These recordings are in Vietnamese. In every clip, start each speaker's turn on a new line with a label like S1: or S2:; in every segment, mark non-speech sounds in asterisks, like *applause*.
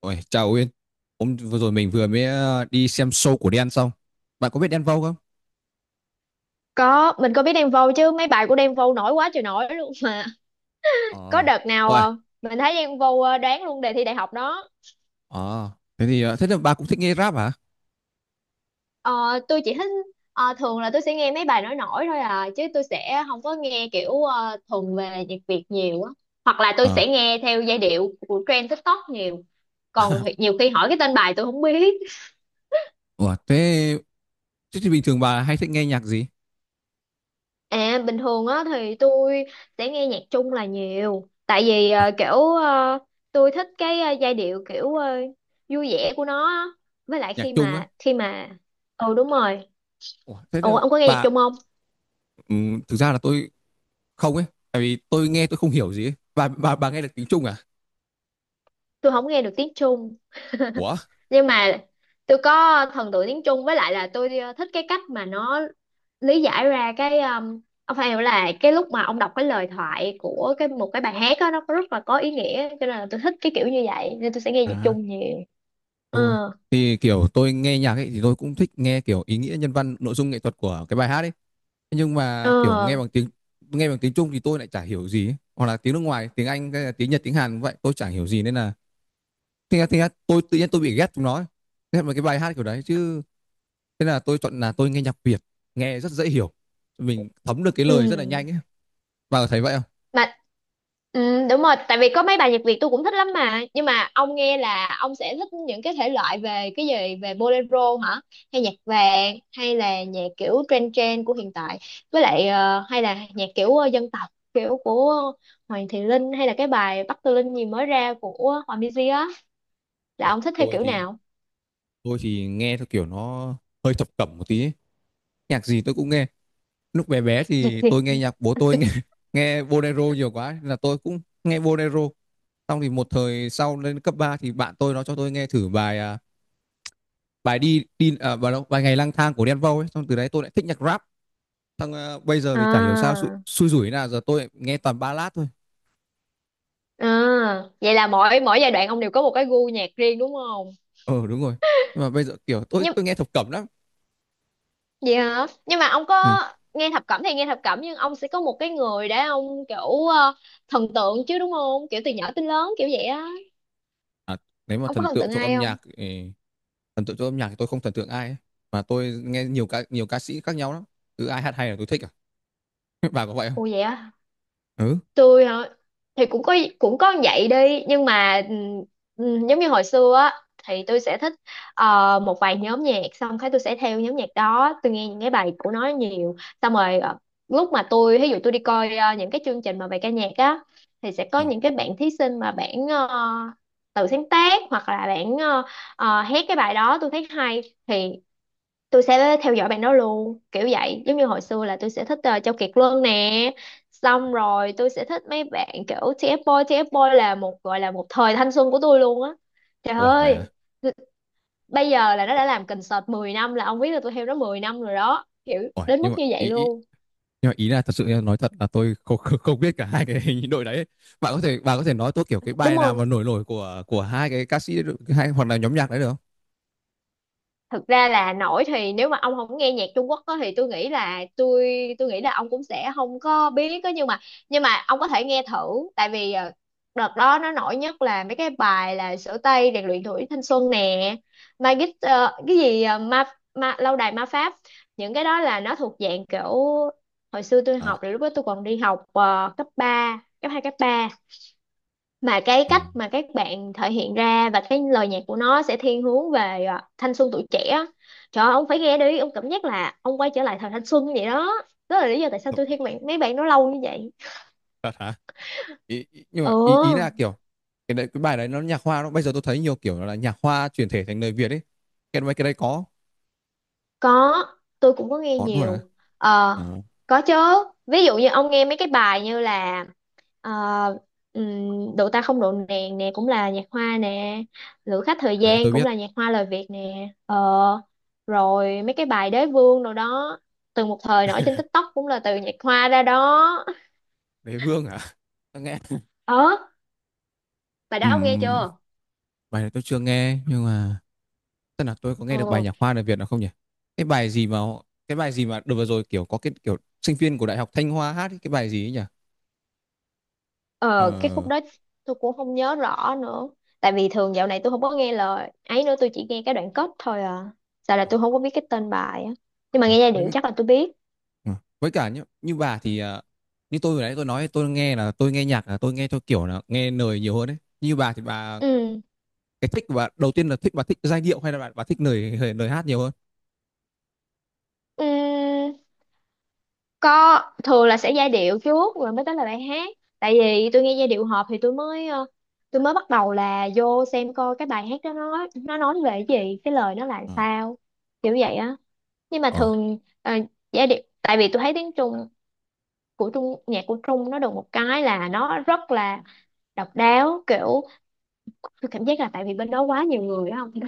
S1: Ôi, chào Uyên. Hôm vừa rồi mình vừa mới đi xem show của Đen xong. Bạn có biết Đen Vâu không?
S2: Có, mình có biết Đen Vâu chứ mấy bài của Đen Vâu nổi quá trời nổi luôn mà. Có
S1: Ờ.
S2: đợt nào
S1: Ôi,
S2: mình thấy Đen Vâu đoán luôn đề thi đại học đó.
S1: ờ. Thế thì thế là bà cũng thích nghe rap hả?
S2: Ờ, tôi chỉ thích thường là tôi sẽ nghe mấy bài nổi nổi thôi à chứ tôi sẽ không có nghe kiểu thuần về nhạc Việt nhiều á. Hoặc là tôi
S1: Ờ.
S2: sẽ nghe theo giai điệu của trend TikTok nhiều. Còn
S1: *laughs*
S2: nhiều khi hỏi cái tên bài tôi không biết.
S1: Ủa, thế, thế thì bình thường bà hay thích nghe nhạc gì?
S2: À bình thường á thì tôi sẽ nghe nhạc Trung là nhiều tại vì kiểu tôi thích cái giai điệu kiểu vui vẻ của nó á. Với lại
S1: Nhạc
S2: khi
S1: Trung á?
S2: mà khi mà ừ đúng rồi.
S1: Ủa, thế
S2: Ủa
S1: là
S2: ông có nghe nhạc
S1: bà
S2: Trung không?
S1: ừ, thực ra là tôi không ấy, tại vì tôi nghe tôi không hiểu gì ấy. Bà nghe được tiếng Trung à?
S2: Tôi không nghe được tiếng Trung
S1: Ủa?
S2: nhưng mà tôi có thần tượng tiếng Trung với lại là tôi thích cái cách mà nó lý giải ra cái ông phải hiểu là cái lúc mà ông đọc cái lời thoại của một cái bài hát á nó rất là có ý nghĩa cho nên là tôi thích cái kiểu như vậy nên tôi sẽ nghe nhạc
S1: À,
S2: Trung nhiều.
S1: đúng rồi.
S2: Ừ.
S1: Thì kiểu tôi nghe nhạc ấy thì tôi cũng thích nghe kiểu ý nghĩa nhân văn, nội dung nghệ thuật của cái bài hát ấy. Nhưng mà kiểu nghe
S2: Ờ,
S1: bằng tiếng Trung thì tôi lại chả hiểu gì ấy. Hoặc là tiếng nước ngoài tiếng Anh hay tiếng Nhật tiếng Hàn cũng vậy tôi chả hiểu gì nên là thế là, tôi tự nhiên tôi bị ghét chúng nó ấy. Ghét mấy cái bài hát kiểu đấy chứ thế là tôi chọn là tôi nghe nhạc Việt, nghe rất dễ hiểu, mình thấm được cái lời rất là
S2: ừ.
S1: nhanh ấy, bà có thấy vậy không?
S2: Mà ừ, đúng rồi, tại vì có mấy bài nhạc Việt tôi cũng thích lắm mà. Nhưng mà ông nghe là ông sẽ thích những cái thể loại về cái gì, về bolero hả? Hay nhạc vàng hay là nhạc kiểu trend trend của hiện tại. Với lại hay là nhạc kiểu dân tộc kiểu của Hoàng Thị Linh hay là cái bài Bắc Tư Linh gì mới ra của Hòa Minzy á, là
S1: Uầy,
S2: ông thích theo
S1: tôi
S2: kiểu
S1: thì
S2: nào?
S1: tôi thì nghe theo kiểu nó hơi thập cẩm một tí ấy. Nhạc gì tôi cũng nghe, lúc bé bé thì tôi nghe nhạc bố tôi nghe *laughs* nghe bolero nhiều quá nên là tôi cũng nghe bolero. Xong thì một thời sau lên cấp 3 thì bạn tôi nó cho tôi nghe thử bài, à, bài đi đi à, bài bài Ngày lang thang của Đen Vâu ấy, xong từ đấy tôi lại thích nhạc rap. Xong à, bây giờ thì chả hiểu sao
S2: À,
S1: xui, rủi thế giờ tôi nghe toàn ballad thôi.
S2: à, vậy là mỗi mỗi giai đoạn ông đều có một cái gu nhạc riêng đúng không?
S1: Ờ ừ, đúng rồi. Nhưng mà bây giờ kiểu tôi
S2: Nhưng
S1: tôi nghe thập cẩm lắm.
S2: vậy hả? Nhưng mà ông
S1: Ừ.
S2: có nghe thập cẩm thì nghe thập cẩm nhưng ông sẽ có một cái người để ông kiểu thần tượng chứ đúng không? Kiểu từ nhỏ tới lớn kiểu vậy á.
S1: À, nếu mà
S2: Ông có
S1: thần
S2: thần
S1: tượng
S2: tượng
S1: trong
S2: ai
S1: âm
S2: không?
S1: nhạc thì tôi không thần tượng ai ấy. Mà tôi nghe nhiều ca sĩ khác nhau lắm. Cứ ai hát hay là tôi thích à. *laughs* Bà có vậy không?
S2: Ồ vậy á,
S1: Ừ.
S2: tôi hả, thì cũng có vậy đi nhưng mà giống như hồi xưa á thì tôi sẽ thích một vài nhóm nhạc xong cái tôi sẽ theo nhóm nhạc đó, tôi nghe những cái bài của nó nhiều, xong rồi lúc mà tôi ví dụ tôi đi coi những cái chương trình mà về ca nhạc á thì sẽ có
S1: Ừ.
S2: những cái bạn thí sinh mà bạn tự sáng tác hoặc là bạn hát cái bài đó tôi thấy hay thì tôi sẽ theo dõi bạn đó luôn kiểu vậy, giống như hồi xưa là tôi sẽ thích Châu Kiệt Luân nè, xong rồi tôi sẽ thích mấy bạn kiểu TF Boy. TF Boy là một gọi là một thời thanh xuân của tôi luôn á, trời
S1: Ủa vậy
S2: ơi,
S1: à?
S2: bây giờ là nó đã làm concert 10 năm là ông biết là tôi theo nó 10 năm rồi đó, kiểu
S1: Ủa,
S2: đến
S1: nhưng
S2: mức
S1: mà
S2: như vậy
S1: ý, ý,
S2: luôn
S1: nhưng mà ý là thật sự em nói thật là tôi không, *laughs* không biết cả hai cái *laughs* hình đội đấy ấy. Bạn có thể nói tôi kiểu cái
S2: đúng
S1: bài nào mà
S2: không.
S1: nổi nổi của hai cái ca sĩ hay hoặc là nhóm nhạc đấy được không?
S2: Thực ra là nổi thì nếu mà ông không nghe nhạc Trung Quốc á, thì tôi nghĩ là tôi nghĩ là ông cũng sẽ không có biết á, nhưng mà ông có thể nghe thử, tại vì đợt đó nó nổi nhất là mấy cái bài là Sửa Tay rèn luyện tuổi thanh xuân nè, Magic cái gì ma lâu đài ma pháp, những cái đó là nó thuộc dạng kiểu hồi xưa tôi
S1: À,
S2: học, là lúc đó tôi còn đi học cấp 3, cấp 2, cấp ba, mà cái
S1: ừ.
S2: cách mà các bạn thể hiện ra và cái lời nhạc của nó sẽ thiên hướng về à, thanh xuân tuổi trẻ á. Trời ơi, ông phải nghe đi, ông cảm giác là ông quay trở lại thời thanh xuân vậy đó, đó là lý do tại sao
S1: Thật,
S2: tôi thích bạn mấy bạn nó lâu như vậy.
S1: thật hả? Ý, ý, nhưng mà ý ý là
S2: Ừ,
S1: kiểu cái đấy, cái bài đấy nó nhạc hoa, nó bây giờ tôi thấy nhiều kiểu là nhạc hoa chuyển thể thành lời Việt ấy, cái mấy cái đấy có?
S2: có, tôi cũng có nghe
S1: Có luôn à?
S2: nhiều. Ờ,
S1: À,
S2: có chứ, ví dụ như ông nghe mấy cái bài như là Ờ, độ ta không độ nàng nè cũng là nhạc hoa nè, Lữ khách thời
S1: bài đấy
S2: gian
S1: tôi
S2: cũng
S1: biết.
S2: là nhạc hoa lời Việt nè, rồi mấy cái bài đế vương rồi đó, từng một thời nổi trên TikTok cũng là từ nhạc hoa ra đó.
S1: Đế vương à? Nghe.
S2: Ờ, bài đó ông nghe
S1: Ừm,
S2: chưa.
S1: bài đấy tôi chưa nghe nhưng mà tức là tôi có nghe được bài
S2: Ờ,
S1: nhạc Hoa đời Việt nào không nhỉ? Cái bài gì mà cái bài gì mà đợt vừa rồi kiểu có cái kiểu sinh viên của Đại học Thanh Hoa hát ấy, cái bài gì ấy nhỉ?
S2: ờ, cái khúc
S1: Ờ,
S2: đó tôi cũng không nhớ rõ nữa, tại vì thường dạo này tôi không có nghe lời ấy nữa, tôi chỉ nghe cái đoạn kết thôi à, sao là tôi không có biết cái tên bài á, nhưng mà nghe giai điệu
S1: với,
S2: chắc là tôi biết.
S1: ờ, với cả như bà thì như tôi vừa nãy tôi nói tôi nghe theo kiểu là nghe lời nhiều hơn đấy. Như bà thì
S2: Ừ,
S1: cái thích của bà đầu tiên là thích giai điệu hay là bà thích lời lời hát nhiều hơn?
S2: ừ, có, thường là sẽ giai điệu trước rồi mới tới là bài hát, tại vì tôi nghe giai điệu hợp thì tôi mới tôi mới bắt đầu là vô xem coi cái bài hát đó, nó nói về cái gì, cái lời nó là
S1: Ờ,
S2: sao, kiểu vậy á. Nhưng mà
S1: ờ,
S2: thường giai điệu, tại vì tôi thấy tiếng Trung, của Trung, nhạc của Trung nó được một cái là nó rất là độc đáo, kiểu tôi cảm giác là tại vì bên đó quá nhiều người á không. *laughs*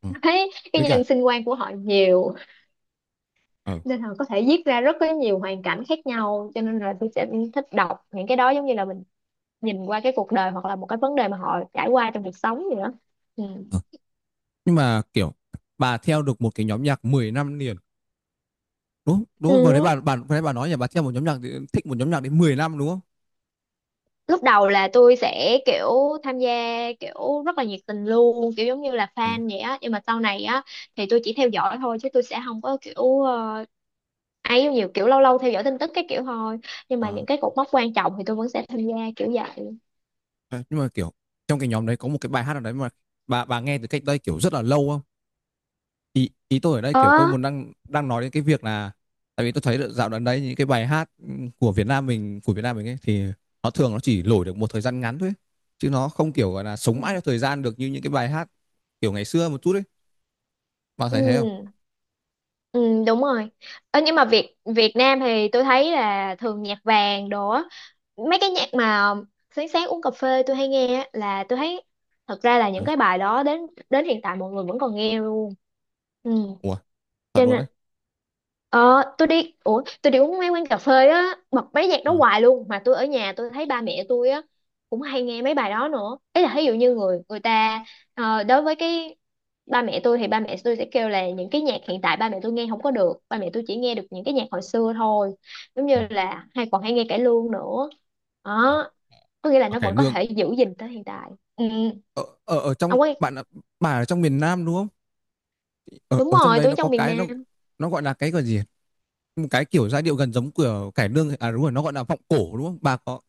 S1: ờ.
S2: Thấy cái
S1: Với cả
S2: nhân sinh quan của họ nhiều
S1: ờ,
S2: nên là có thể viết ra rất có nhiều hoàn cảnh khác nhau, cho nên là tôi sẽ thích đọc những cái đó, giống như là mình nhìn qua cái cuộc đời hoặc là một cái vấn đề mà họ trải qua trong cuộc sống gì đó. Ừ.
S1: ờ. Nhưng mà kiểu bà theo được một cái nhóm nhạc 10 năm liền, đúng, đúng không? Vừa đấy
S2: Ừ,
S1: bà bà vừa đấy bà nói nhà bà theo một nhóm nhạc thì thích một nhóm nhạc đến mười năm đúng không?
S2: lúc đầu là tôi sẽ kiểu tham gia kiểu rất là nhiệt tình luôn, kiểu giống như là
S1: Ờ,
S2: fan vậy á, nhưng mà sau này á thì tôi chỉ theo dõi thôi chứ tôi sẽ không có kiểu ấy nhiều, kiểu lâu lâu theo dõi tin tức cái kiểu thôi, nhưng mà
S1: ờ.
S2: những cái cột mốc quan trọng thì tôi vẫn sẽ tham gia kiểu vậy.
S1: Thế nhưng mà kiểu trong cái nhóm đấy có một cái bài hát nào đấy mà bà nghe từ cách đây kiểu rất là lâu không? Ý ý tôi ở đây kiểu
S2: Ờ,
S1: tôi muốn đang đang nói đến cái việc là tại vì tôi thấy được dạo gần đấy những cái bài hát của Việt Nam mình ấy thì nó thường nó chỉ nổi được một thời gian ngắn thôi ấy. Chứ nó không kiểu gọi là
S2: ừ.
S1: sống mãi theo thời gian được như những cái bài hát kiểu ngày xưa một chút ấy. Bà thấy thế không?
S2: Ừ. Ừ, đúng rồi. Ơ, nhưng mà Việt Việt Nam thì tôi thấy là thường nhạc vàng đồ á. Mấy cái nhạc mà sáng sáng uống cà phê tôi hay nghe á, là tôi thấy thật ra là những
S1: Ờ.
S2: cái bài đó đến đến hiện tại mọi người vẫn còn nghe luôn. Ừ,
S1: Ủa, thật
S2: cho
S1: luôn
S2: nên
S1: đấy.
S2: ờ tôi đi, ủa tôi đi uống mấy quán cà phê á bật mấy nhạc đó
S1: Ờ.
S2: hoài luôn mà, tôi ở nhà tôi thấy ba mẹ tôi á cũng hay nghe mấy bài đó nữa. Ý là ví dụ như người người ta đối với cái ba mẹ tôi thì ba mẹ tôi sẽ kêu là những cái nhạc hiện tại ba mẹ tôi nghe không có được, ba mẹ tôi chỉ nghe được những cái nhạc hồi xưa thôi, giống như là hay còn hay nghe cải lương nữa đó, có nghĩa là nó
S1: Ok,
S2: vẫn có
S1: nương
S2: thể giữ gìn tới hiện tại. Ừ,
S1: ở ở ở trong
S2: ông ấy.
S1: bạn ạ, bà ở trong miền Nam đúng không? Ở
S2: Đúng
S1: ở trong
S2: rồi,
S1: đấy
S2: tôi ở
S1: nó có
S2: trong miền
S1: cái
S2: Nam.
S1: nó gọi là cái gọi gì? Một cái kiểu giai điệu gần giống của cải lương à đúng rồi nó gọi là vọng cổ đúng không? Bà có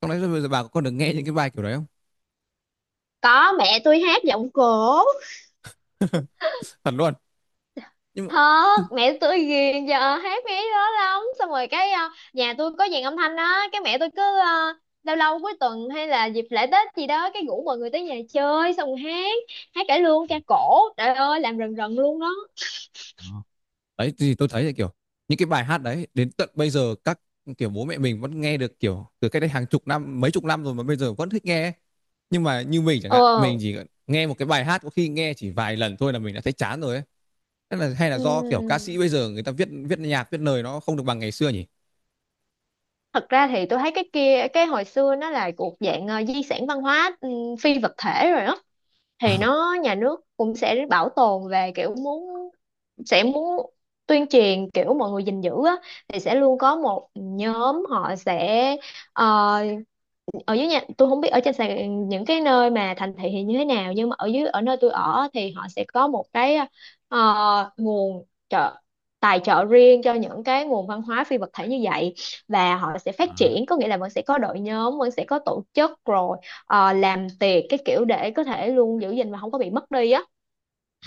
S1: trong đấy bây giờ bà có được nghe những cái bài kiểu đấy không?
S2: Có, mẹ tôi hát giọng cổ.
S1: Thật luôn. Nhưng mà
S2: Thật, mẹ tôi ghiền giờ hát mấy đó lắm, xong rồi cái nhà tôi có dàn âm thanh đó, cái mẹ tôi cứ lâu lâu cuối tuần hay là dịp lễ tết gì đó cái rủ mọi người tới nhà chơi xong rồi hát, hát cải lương ca cổ, trời ơi làm rần rần luôn đó.
S1: đó. Đấy thì tôi thấy là kiểu những cái bài hát đấy đến tận bây giờ các kiểu bố mẹ mình vẫn nghe được kiểu từ cách đây hàng chục năm mấy chục năm rồi mà bây giờ vẫn thích nghe, nhưng mà như mình chẳng
S2: Ờ,
S1: hạn mình chỉ nghe một cái bài hát có khi nghe chỉ vài lần thôi là mình đã thấy chán rồi ấy. Tức là hay là do, kiểu, ca sĩ
S2: ừm,
S1: bây giờ người ta viết viết nhạc, viết lời nó không được bằng ngày xưa nhỉ?
S2: thật ra thì tôi thấy cái kia, cái hồi xưa nó là thuộc dạng di sản văn hóa, phi vật thể rồi đó, thì nó nhà nước cũng sẽ bảo tồn về kiểu muốn, sẽ muốn tuyên truyền kiểu mọi người gìn giữ á, thì sẽ luôn có một nhóm họ sẽ ờ, ở dưới nhà tôi không biết ở trên những cái nơi mà thành thị thì như thế nào nhưng mà ở dưới, ở nơi tôi ở thì họ sẽ có một cái nguồn trợ, tài trợ riêng cho những cái nguồn văn hóa phi vật thể như vậy, và họ sẽ phát
S1: À,
S2: triển, có nghĩa là vẫn sẽ có đội nhóm, vẫn sẽ có tổ chức rồi làm tiệc cái kiểu để có thể luôn giữ gìn và không có bị mất đi á.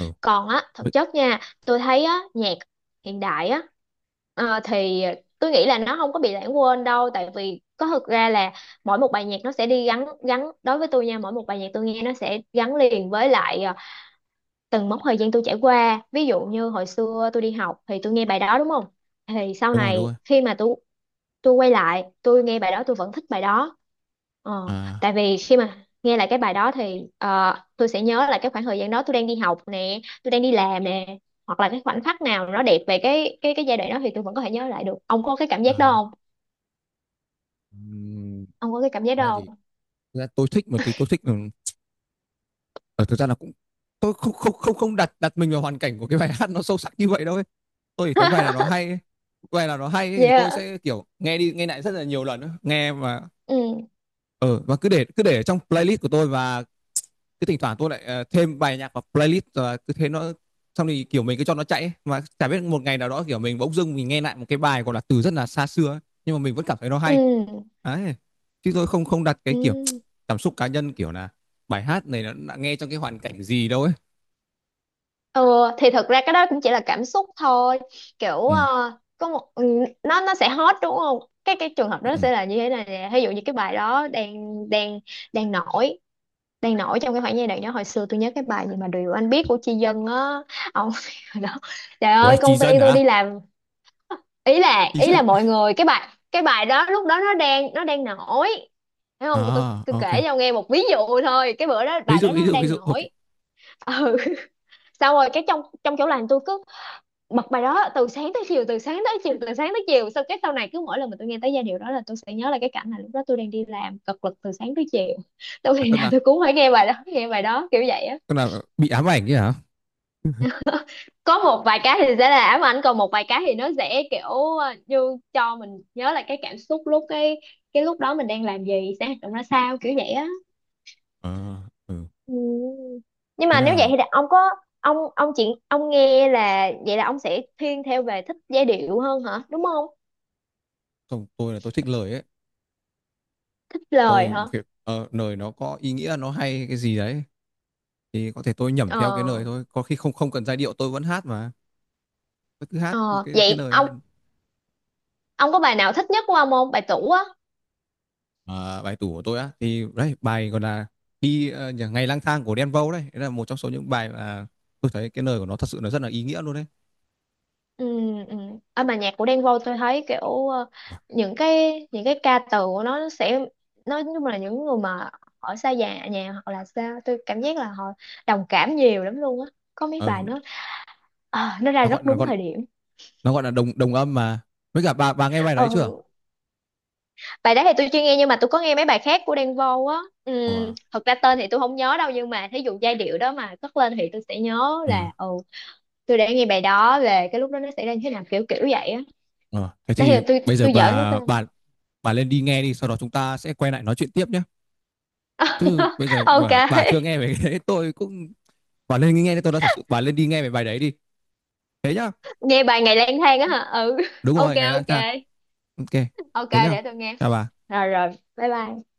S1: ừ,
S2: Còn á thực chất nha, tôi thấy á nhạc hiện đại á, thì tôi nghĩ là nó không có bị lãng quên đâu, tại vì có thực ra là mỗi một bài nhạc nó sẽ đi gắn gắn đối với tôi nha, mỗi một bài nhạc tôi nghe nó sẽ gắn liền với lại từng mốc thời gian tôi trải qua, ví dụ như hồi xưa tôi đi học thì tôi nghe bài đó đúng không, thì sau
S1: đúng rồi, đúng
S2: này
S1: rồi.
S2: khi mà tôi quay lại tôi nghe bài đó tôi vẫn thích bài đó, ờ,
S1: À,
S2: tại vì khi mà nghe lại cái bài đó thì tôi sẽ nhớ lại cái khoảng thời gian đó, tôi đang đi học nè, tôi đang đi làm nè, hoặc là cái khoảnh khắc nào nó đẹp về cái cái giai đoạn đó thì tôi vẫn có thể nhớ lại được. Ông có cái cảm giác đó
S1: à,
S2: không?
S1: ừm,
S2: Ông có cái cảm giác
S1: thực ra
S2: đó
S1: thì
S2: không?
S1: thực ra tôi thích mà thì tôi thích, ờ, thực ra là cũng tôi không không không không đặt đặt mình vào hoàn cảnh của cái bài hát nó sâu sắc như vậy đâu ấy. Tôi chỉ thấy bài
S2: *laughs*
S1: là nó hay ấy, bài là nó hay ấy thì tôi
S2: Yeah,
S1: sẽ, kiểu, nghe đi nghe lại rất là nhiều lần á, nghe mà,
S2: ừ,
S1: ờ, và cứ để ở trong playlist của tôi và cứ thỉnh thoảng tôi lại thêm bài nhạc vào playlist và cứ thế nó xong thì kiểu mình cứ cho nó chạy ấy. Mà chả biết một ngày nào đó kiểu mình bỗng dưng mình nghe lại một cái bài gọi là từ rất là xa xưa ấy. Nhưng mà mình vẫn cảm thấy nó hay
S2: ừ,
S1: đấy, chứ tôi không không đặt cái kiểu
S2: ừ.
S1: cảm xúc cá nhân kiểu là bài hát này nó đã nghe trong cái hoàn cảnh gì đâu ấy.
S2: Ừ, thì thật ra cái đó cũng chỉ là cảm xúc thôi, kiểu
S1: Ừ
S2: có một ừ, nó sẽ hot đúng không, cái cái trường hợp
S1: ừ
S2: đó
S1: ừ.
S2: sẽ là như thế này nè, ví dụ như cái bài đó đang đang đang nổi, đang nổi trong cái khoảng giai đoạn đó. Hồi xưa tôi nhớ cái bài gì mà Điều Anh Biết của Chi Dân á, ông *laughs* hồi đó trời
S1: Ủa
S2: ơi
S1: chị
S2: công ty
S1: dân
S2: tôi
S1: hả?
S2: đi làm,
S1: Chị
S2: ý
S1: dân?
S2: là mọi người cái bài đó lúc đó nó đang đang nổi, thấy không, tôi,
S1: À,
S2: tôi
S1: ok.
S2: kể cho ông nghe một ví dụ thôi, cái bữa đó
S1: Ví
S2: bài
S1: dụ
S2: đó
S1: ví
S2: nó
S1: dụ ví
S2: đang
S1: dụ, ok.
S2: nổi. *laughs* Ừ, xong rồi cái trong trong chỗ làm tôi bật bài đó từ sáng tới chiều, từ sáng tới chiều, từ sáng tới chiều, sau cái sau này cứ mỗi lần mà tôi nghe tới giai điệu đó là tôi sẽ nhớ là cái cảnh là lúc đó tôi đang đi làm cật lực từ sáng tới chiều. *laughs* Tôi
S1: À,
S2: ngày
S1: tức
S2: nào
S1: là
S2: tôi cũng phải nghe bài đó, nghe bài đó kiểu vậy á.
S1: tôi là bị ám ảnh chứ hả?
S2: Có một vài cái thì sẽ là ám ảnh, còn một vài cái thì nó sẽ kiểu như cho mình nhớ là cái cảm xúc lúc cái lúc đó mình đang làm gì, sẽ hoạt động ra sao kiểu vậy á.
S1: À, ừ.
S2: Ừ. Nhưng
S1: Thế
S2: mà nếu vậy
S1: là
S2: thì ông có, ông chuyện ông nghe là vậy, là ông sẽ thiên theo về thích giai điệu hơn hả đúng không?
S1: xong tôi là tôi thích lời ấy,
S2: Thích lời
S1: tôi
S2: hả?
S1: việc lời nó có ý nghĩa nó hay cái gì đấy thì có thể tôi nhẩm theo cái
S2: Ờ,
S1: lời thôi có khi không không cần giai điệu tôi vẫn hát mà, tôi cứ hát
S2: ờ,
S1: cái
S2: vậy
S1: lời
S2: ông
S1: thôi.
S2: ông có bài nào thích nhất của ông không? Bài tủ á.
S1: Ờ, bài tủ của tôi á thì đấy bài gọi là ngày lang thang của Đen Vâu đấy, đấy là một trong số những bài mà tôi thấy cái lời của nó thật sự là rất là ý nghĩa luôn đấy.
S2: Ừ, ừ. Ở bài nhạc của Đen Vâu tôi thấy kiểu
S1: Ủa,
S2: những cái ca từ của nó sẽ, nó nhưng là những người mà ở xa nhà nhà hoặc là xa, tôi cảm giác là họ đồng cảm nhiều lắm luôn á. Có mấy
S1: ờ,
S2: bài nó nó ra
S1: nó
S2: rất
S1: gọi nó
S2: đúng
S1: gọi
S2: thời điểm.
S1: nó gọi là đồng đồng âm mà, với cả bà nghe bài đấy chưa?
S2: Ừ. Bài đó thì tôi chưa nghe nhưng mà tôi có nghe mấy bài khác của Đen Vâu á. Ừ,
S1: Ủa,
S2: thật ra tên thì tôi không nhớ đâu, nhưng mà thí dụ giai điệu đó mà cất lên thì tôi sẽ nhớ
S1: ờ,
S2: là ừ, tôi đã nghe bài đó, về cái lúc đó nó xảy ra như thế nào kiểu kiểu vậy á.
S1: ờ. Thế
S2: Đấy
S1: thì
S2: là
S1: bây giờ
S2: tôi giỡn nó tên.
S1: bà lên đi nghe đi, sau đó chúng ta sẽ quay lại nói chuyện tiếp nhé, chứ
S2: *laughs*
S1: bây giờ bà chưa
S2: Ok.
S1: nghe về cái đấy *laughs* tôi cũng bà lên nghe đi, tôi đã thật sự bà lên đi nghe về bài đấy đi, thế nhá.
S2: Nghe bài Ngày Lang Thang á hả? Ừ,
S1: Đúng
S2: ok,
S1: rồi, ngày lang
S2: ok,
S1: thang. Ok,
S2: ok,
S1: thế nhá,
S2: để tôi nghe.
S1: chào bà.
S2: Rồi rồi, bye bye.